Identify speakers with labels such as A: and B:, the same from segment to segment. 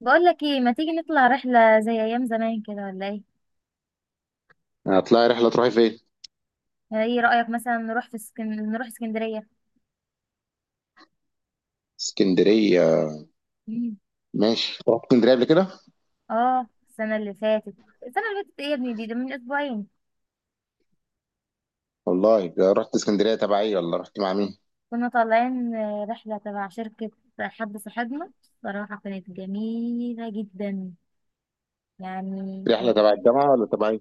A: بقول لك ايه، ما تيجي نطلع رحلة زي ايام زمان كده ولا ايه؟
B: هتطلعي رحلة تروحي فين؟
A: يعني ايه رأيك مثلا نروح في نروح اسكندرية.
B: اسكندرية.
A: مم.
B: ماشي، رحت اسكندرية قبل كده؟
A: اه، السنة اللي فاتت. السنة اللي فاتت ايه يا ابني؟ دي ده من اسبوعين.
B: والله رحت اسكندرية تبع ايه ولا رحت مع مين؟
A: كنا طالعين رحلة تبع شركة. حد صاحبنا. صراحة كانت جميلة جدا، يعني
B: رحلة
A: كانت
B: تبع
A: تحفة.
B: الجامعة ولا تبع ايه؟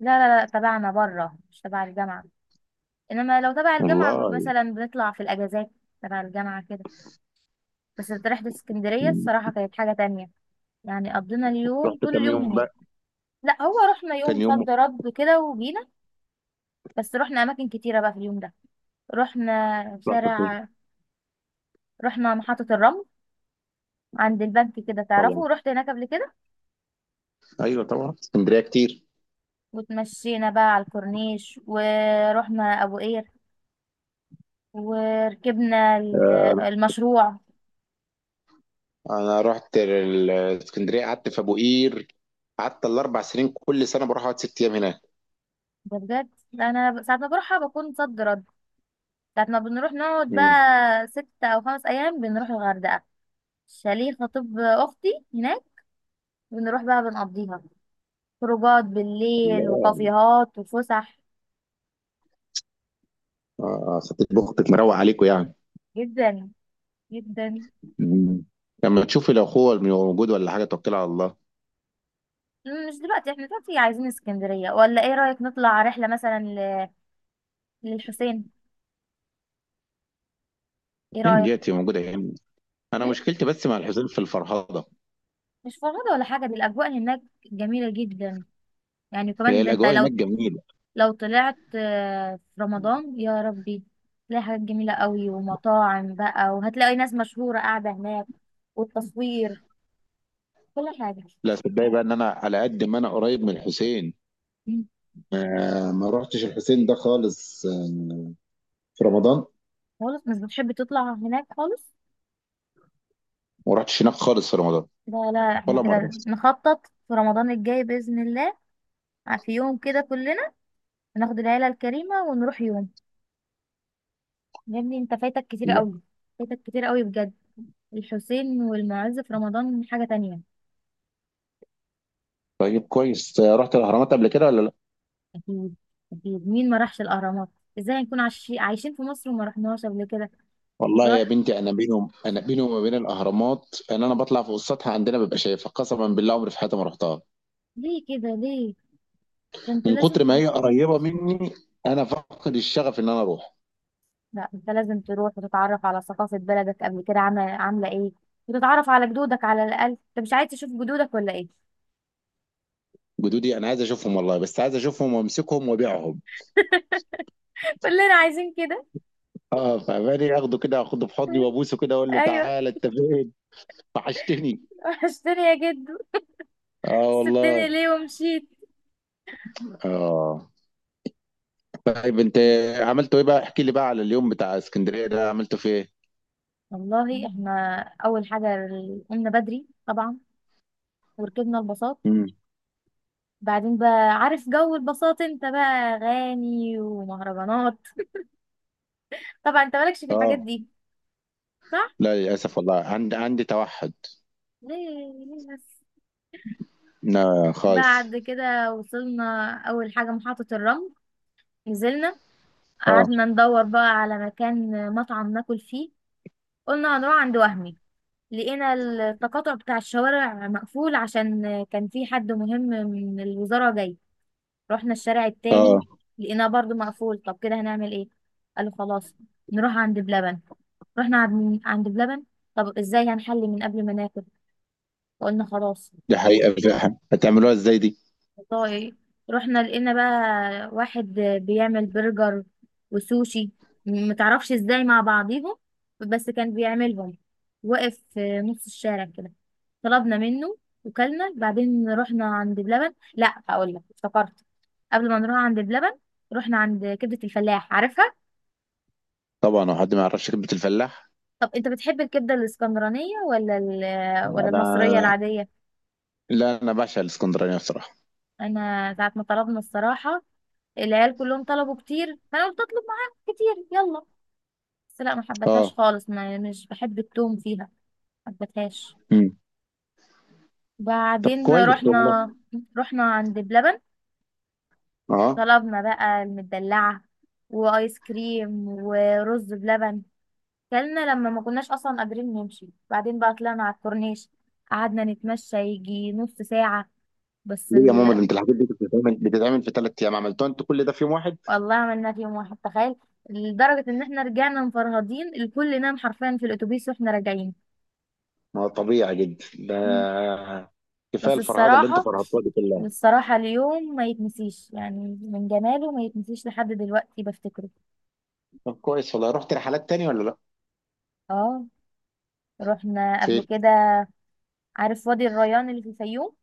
A: لا لا لا، تبعنا بره مش تبع الجامعة. انما لو تبع الجامعة
B: والله
A: مثلا بنطلع في الاجازات. تبع الجامعة كده. بس رحلة اسكندرية الصراحة كانت حاجة تانية. يعني قضينا اليوم،
B: رحت
A: طول
B: كام
A: اليوم
B: يوم
A: هناك.
B: بقى؟
A: لا هو رحنا يوم
B: كان يوم.
A: صد رد كده وجينا. بس رحنا اماكن كتيره بقى في اليوم ده. رحنا
B: رحت فين؟
A: شارع. رحنا محطه الرمل، عند البنك كده،
B: طبعا.
A: تعرفه؟ رحت هناك قبل كده.
B: ايوه طبعا اسكندرية كتير.
A: وتمشينا بقى على الكورنيش ورحنا ابو قير، وركبنا المشروع.
B: انا رحت اسكندرية، قعدت في ابو قير. قعدت ال4 سنين كل سنة بروح اقعد 6 ايام هناك.
A: ده بجد، لا انا ساعه ما بروحها بكون صد رد. ساعه ما بنروح نقعد
B: مم.
A: بقى 6 او 5 ايام، بنروح الغردقه. شاليه خطيب اختي هناك. بنروح بقى بنقضيها، خروجات بالليل
B: الله.
A: وكافيهات وفسح.
B: اه ستة بختك مروق عليكم يعني.
A: جدا جدا.
B: مم. لما تشوفي لو اخوه موجود ولا حاجة توكلي على الله.
A: مش دلوقتي، احنا دلوقتي عايزين اسكندرية. ولا ايه رأيك نطلع رحلة مثلا للحسين؟ ايه
B: فين
A: رأيك؟
B: ديتي موجودة هنا. انا
A: مم؟
B: مشكلتي بس مع الحسين في الفرهضه.
A: مش فرهدة ولا حاجة، دي الأجواء هناك جميلة جدا. يعني
B: هي
A: كمان ده انت،
B: الاجواء
A: لو
B: هناك جميله.
A: لو طلعت في رمضان، يا ربي تلاقي حاجات جميلة قوي، ومطاعم بقى، وهتلاقي ناس مشهورة قاعدة هناك، والتصوير، كل حاجة.
B: لا صدقني بقى ان انا على قد ما انا قريب من الحسين،
A: مم.
B: ما رحتش الحسين ده خالص، في رمضان،
A: خالص، مش بتحب تطلع هناك خالص.
B: وما رحتش هناك خالص في رمضان
A: لا لا،
B: ولا
A: احنا
B: مره.
A: كده نخطط في رمضان الجاي بإذن الله، في يوم كده كلنا. هناخد العيلة الكريمة ونروح يوم. يا ابني انت فايتك كتير
B: لا،
A: قوي. فايتك كتير قوي بجد. الحسين والمعز في رمضان حاجة تانية.
B: طيب كويس. رحت الاهرامات قبل كده ولا لا؟
A: أكيد. أكيد، مين ما راحش الأهرامات؟ ازاي هنكون عايشين عايشين في مصر وما رحناهاش قبل كده؟
B: والله يا
A: روح.
B: بنتي انا بينهم، انا بيني وما بين الاهرامات ان انا بطلع فوق السطح عندنا ببقى شايفها، قسما بالله عمري في حياتي ما رحتها.
A: ليه كده، ليه؟ ده انت
B: من
A: لازم
B: كتر ما
A: تروح.
B: هي قريبه مني انا فاقد الشغف ان انا اروح.
A: لا انت لازم تروح وتتعرف على ثقافة بلدك قبل كده. عاملة عاملة ايه؟ وتتعرف على جدودك، على الأقل انت مش عايز تشوف جدودك ولا ايه؟
B: جدودي انا عايز اشوفهم والله، بس عايز اشوفهم وامسكهم وابيعهم.
A: كلنا عايزين كده.
B: اه فماني اخده كده، اخده في حضني وابوسه كده، اقول له
A: ايوه.
B: تعالى انت فين، وحشتني.
A: وحشتني يا جدو،
B: اه والله.
A: سبتني ليه ومشيت؟
B: اه. طيب انت عملته ايه بقى، احكي لي بقى على اليوم بتاع اسكندريه ده عملته في ايه؟
A: والله
B: مم.
A: احنا اول حاجه قمنا بدري طبعا، وركبنا الباصات.
B: امم.
A: بعدين بقى، عارف جو الباصات؟ انت بقى اغاني ومهرجانات، طبعا انت مالكش في الحاجات
B: اه.
A: دي. صح؟
B: لا للاسف والله عندي توحد.
A: ليه؟ ليه بس؟
B: لا خالص.
A: بعد كده وصلنا اول حاجه محطه الرمل. نزلنا.
B: اه.
A: قعدنا ندور بقى على مكان مطعم ناكل فيه. قلنا هنروح عند وهمي. لقينا التقاطع بتاع الشوارع مقفول، عشان كان في حد مهم من الوزاره جاي. رحنا الشارع
B: اه.
A: التاني، لقيناه برضو مقفول. طب كده هنعمل ايه؟ قالوا خلاص، نروح عند بلبن. رحنا عند بلبن. طب ازاي هنحل من قبل ما ناكل؟ فقلنا خلاص.
B: دي حقيقه فعلا. هتعملوها ازاي دي؟
A: والله رحنا لقينا بقى واحد بيعمل برجر وسوشي، متعرفش ازاي مع بعضيهم، بس كان بيعملهم. وقف في نص الشارع كده، طلبنا منه وكلنا. بعدين رحنا عند بلبن. لا هقول لك، افتكرت، قبل ما نروح عند بلبن رحنا عند كبدة الفلاح، عارفها؟
B: طبعا، هو حد ما يعرفش كلمه الفلاح؟
A: طب انت بتحب الكبدة الاسكندرانية ولا
B: انا
A: المصرية العادية؟
B: لا، انا بعشق الاسكندرانيه بصراحه.
A: انا ساعة ما طلبنا الصراحة، العيال كلهم طلبوا كتير، فانا قلت اطلب معاهم كتير يلا. بس لا، ما حبتهاش
B: اه.
A: خالص، ما مش بحب التوم فيها. ما حبتهاش.
B: امم. طب
A: بعدين
B: كويس
A: رحنا،
B: والله.
A: رحنا عند بلبن.
B: اه.
A: طلبنا بقى المدلعة وآيس كريم ورز بلبن، كلنا لما ما كناش أصلا قادرين نمشي. بعدين بقى طلعنا على الكورنيش، قعدنا نتمشى يجي نص ساعة، بس
B: ليه يا ماما؟ ده
A: ال...
B: انت الحاجات دي كانت بتتعمل في 3 ايام، عملتوها انت كل ده في يوم واحد!
A: والله عملنا في يوم واحد، تخيل. لدرجة إن احنا رجعنا مفرهدين، الكل نام حرفيا في الأتوبيس واحنا راجعين.
B: ما هو طبيعي جدا ده، كفايه
A: بس
B: الفرهده اللي انت
A: الصراحة،
B: فرهدتوها دي كلها.
A: الصراحة اليوم ما يتنسيش، يعني من جماله ما يتنسيش لحد دلوقتي بفتكره.
B: طب كويس والله، رحت رحلات تاني ولا لا؟
A: اه، رحنا قبل
B: فين؟
A: كده. عارف وادي الريان اللي في الفيوم؟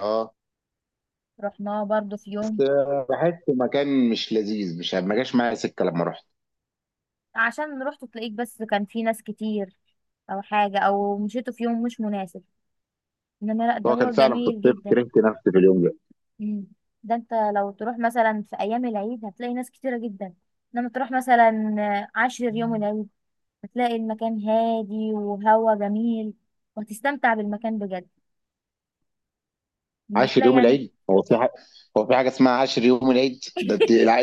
B: اه،
A: رحناه برضو في
B: بس
A: يوم.
B: بحس مكان مش لذيذ، مش ما جاش معايا سكه لما رحت.
A: عشان رحت تلاقيك بس كان في ناس كتير او حاجة، او مشيته في يوم مش مناسب. انما لا، ده
B: هو
A: هو
B: كان فعلا في
A: جميل
B: الصيف،
A: جدا.
B: كرهت نفسي في اليوم ده.
A: مم. ده انت لو تروح مثلا في ايام العيد هتلاقي ناس كتيرة جدا. انما تروح مثلا عاشر يوم العيد، هتلاقي المكان هادي وهوا جميل، وهتستمتع بالمكان بجد، مش
B: عاشر
A: هتلاقي
B: يوم
A: يعني.
B: العيد، هو في حاجه هو في حاجه اسمها عاشر يوم العيد؟ ده انت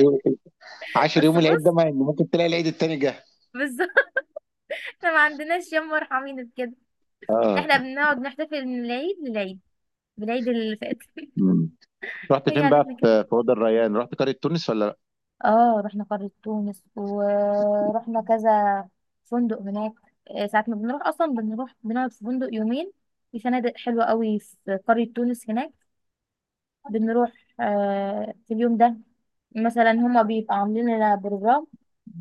B: عاشر
A: بس
B: يوم العيد ده
A: بص،
B: ما ممكن تلاقي العيد التاني جه.
A: بالظبط. احنا ما عندناش يوم مرحمين كده. احنا
B: اه.
A: بنقعد نحتفل من العيد للعيد، بالعيد اللي فات.
B: مم. رحت
A: هي
B: فين بقى
A: عيلتنا كده.
B: في وادي الريان، رحت قريه تونس ولا لا؟
A: اه، رحنا قرية تونس ورحنا كذا فندق هناك. ساعة ما بنروح اصلا بنروح بنقعد في فندق يومين. في فنادق حلوة قوي في قرية تونس هناك. بنروح في اليوم ده مثلا هما بيبقى عاملين لنا بروجرام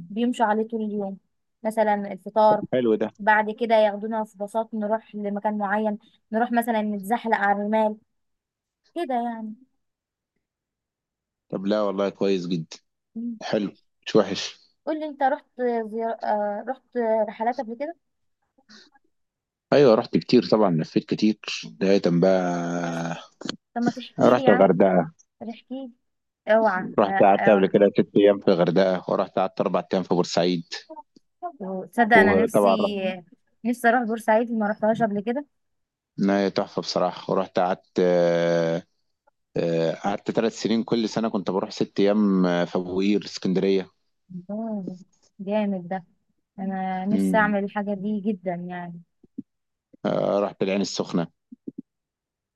A: بيمشوا عليه طول اليوم. مثلا الفطار،
B: حلو ده.
A: بعد كده ياخدونا في باصات نروح لمكان معين، نروح مثلا نتزحلق على الرمال، كده يعني.
B: طب لا والله كويس جدا.
A: مم.
B: حلو، مش وحش.
A: قولي انت، رحت زيار... آه، رحت رحلات قبل كده؟
B: ايوه رحت كتير طبعا، لفيت كتير. بداية بقى
A: طب ما تحكي لي
B: رحت
A: يعني.
B: الغردقة،
A: احكي لي. اوعى
B: رحت
A: لا
B: قعدت قبل
A: اوعى.
B: كده 6 ايام في الغردقة، ورحت قعدت 4 ايام في بورسعيد،
A: وتصدق انا
B: وطبعا رحت
A: نفسي، نفسي اروح بورسعيد، ما رحتهاش قبل كده.
B: نهاية تحفة بصراحة. ورحت قعدت، قعدت 3 سنين كل سنة كنت بروح 6 ايام، في ابو قير اسكندرية.
A: الله، جامد ده. انا نفسي
B: مم.
A: اعمل الحاجه دي جدا يعني.
B: رحت العين السخنة.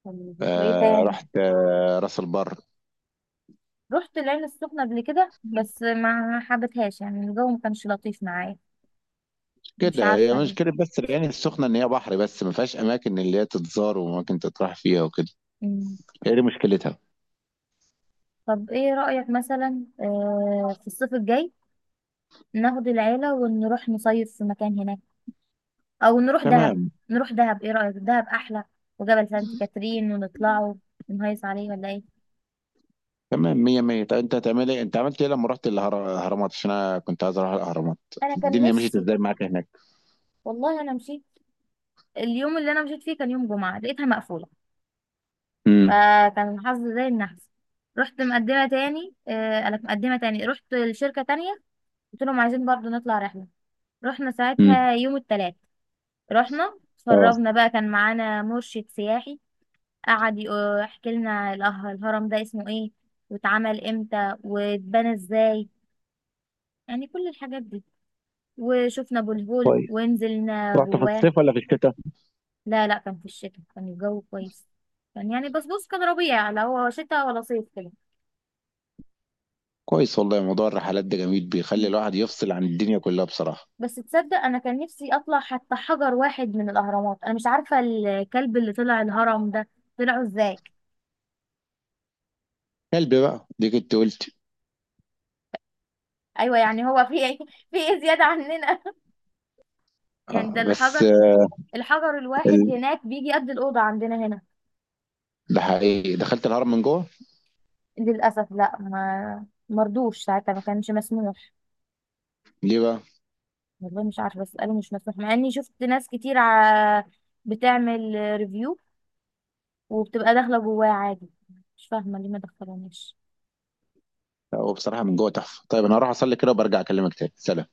A: طب وايه تاني؟
B: رحت راس البر.
A: رحت العين السخنة قبل كده بس ما حبتهاش، يعني الجو ما كانش لطيف معايا، مش
B: كده هي
A: عارفة ليه.
B: مشكلة بس العين السخنة، إن هي بحر بس، ما فيهاش أماكن اللي هي تتزار وأماكن تطرح فيها وكده.
A: مم.
B: هي دي مشكلتها.
A: طب ايه رأيك مثلا في الصيف الجاي ناخد العيلة ونروح نصيف في مكان هناك، او نروح دهب.
B: تمام.
A: نروح دهب، ايه رأيك؟ دهب احلى، وجبل سانت كاترين ونطلعوا نهيص عليه ولا ايه؟
B: تمام مية مية. طب أنت هتعمل إيه؟ أنت عملت إيه لما رحت الأهرامات؟ عشان أنا كنت عايز أروح الأهرامات،
A: انا كان
B: الدنيا مشيت
A: نفسي.
B: إزاي معاك هناك؟
A: والله انا مشيت، اليوم اللي انا مشيت فيه كان يوم جمعة، لقيتها مقفولة.
B: امم.
A: فكان الحظ زي النحس. رحت مقدمة تاني آه، أنا مقدمة تاني رحت لشركة تانية. قلت لهم عايزين برضو نطلع رحلة. رحنا
B: امم.
A: ساعتها يوم التلات. رحنا
B: أه.
A: اتفرجنا بقى، كان معانا مرشد سياحي. قعد يحكي لنا الهرم ده اسمه ايه، واتعمل امتى، واتبنى ازاي، يعني كل الحاجات دي. وشفنا ابو الهول
B: كويس،
A: ونزلنا
B: رحت في
A: جواه.
B: الصيف ولا في الشتاء؟
A: لا لا، كان في الشتاء، كان الجو كويس. كان يعني، بس بص، كان ربيع، لا هو شتاء ولا صيف كده.
B: كويس والله، موضوع الرحلات ده جميل، بيخلي
A: مم.
B: الواحد يفصل عن الدنيا كلها بصراحة.
A: بس تصدق انا كان نفسي اطلع حتى حجر واحد من الاهرامات. انا مش عارفه الكلب اللي طلع الهرم ده طلعه ازاي.
B: كلب بقى؟ دي كنت قلت.
A: ايوه يعني، هو في إيه؟ في ايه زياده عننا؟ يعني ده
B: أه بس،
A: الحجر، الحجر الواحد
B: ال-
A: هناك بيجي قد الاوضه عندنا هنا.
B: ده حقيقي دخلت الهرم من جوه؟
A: للاسف لا، ما مرضوش ساعتها، ما كانش مسموح.
B: ليه بقى؟
A: والله مش عارفه، بس قالوا مش مسموح، مع اني شفت ناس كتير بتعمل ريفيو، وبتبقى داخله جواه عادي. مش فاهمه ليه ما دخلوناش.
B: هو بصراحة من جوه تحفة. طيب أنا هروح أصلي كده وبرجع أكلمك تاني، سلام.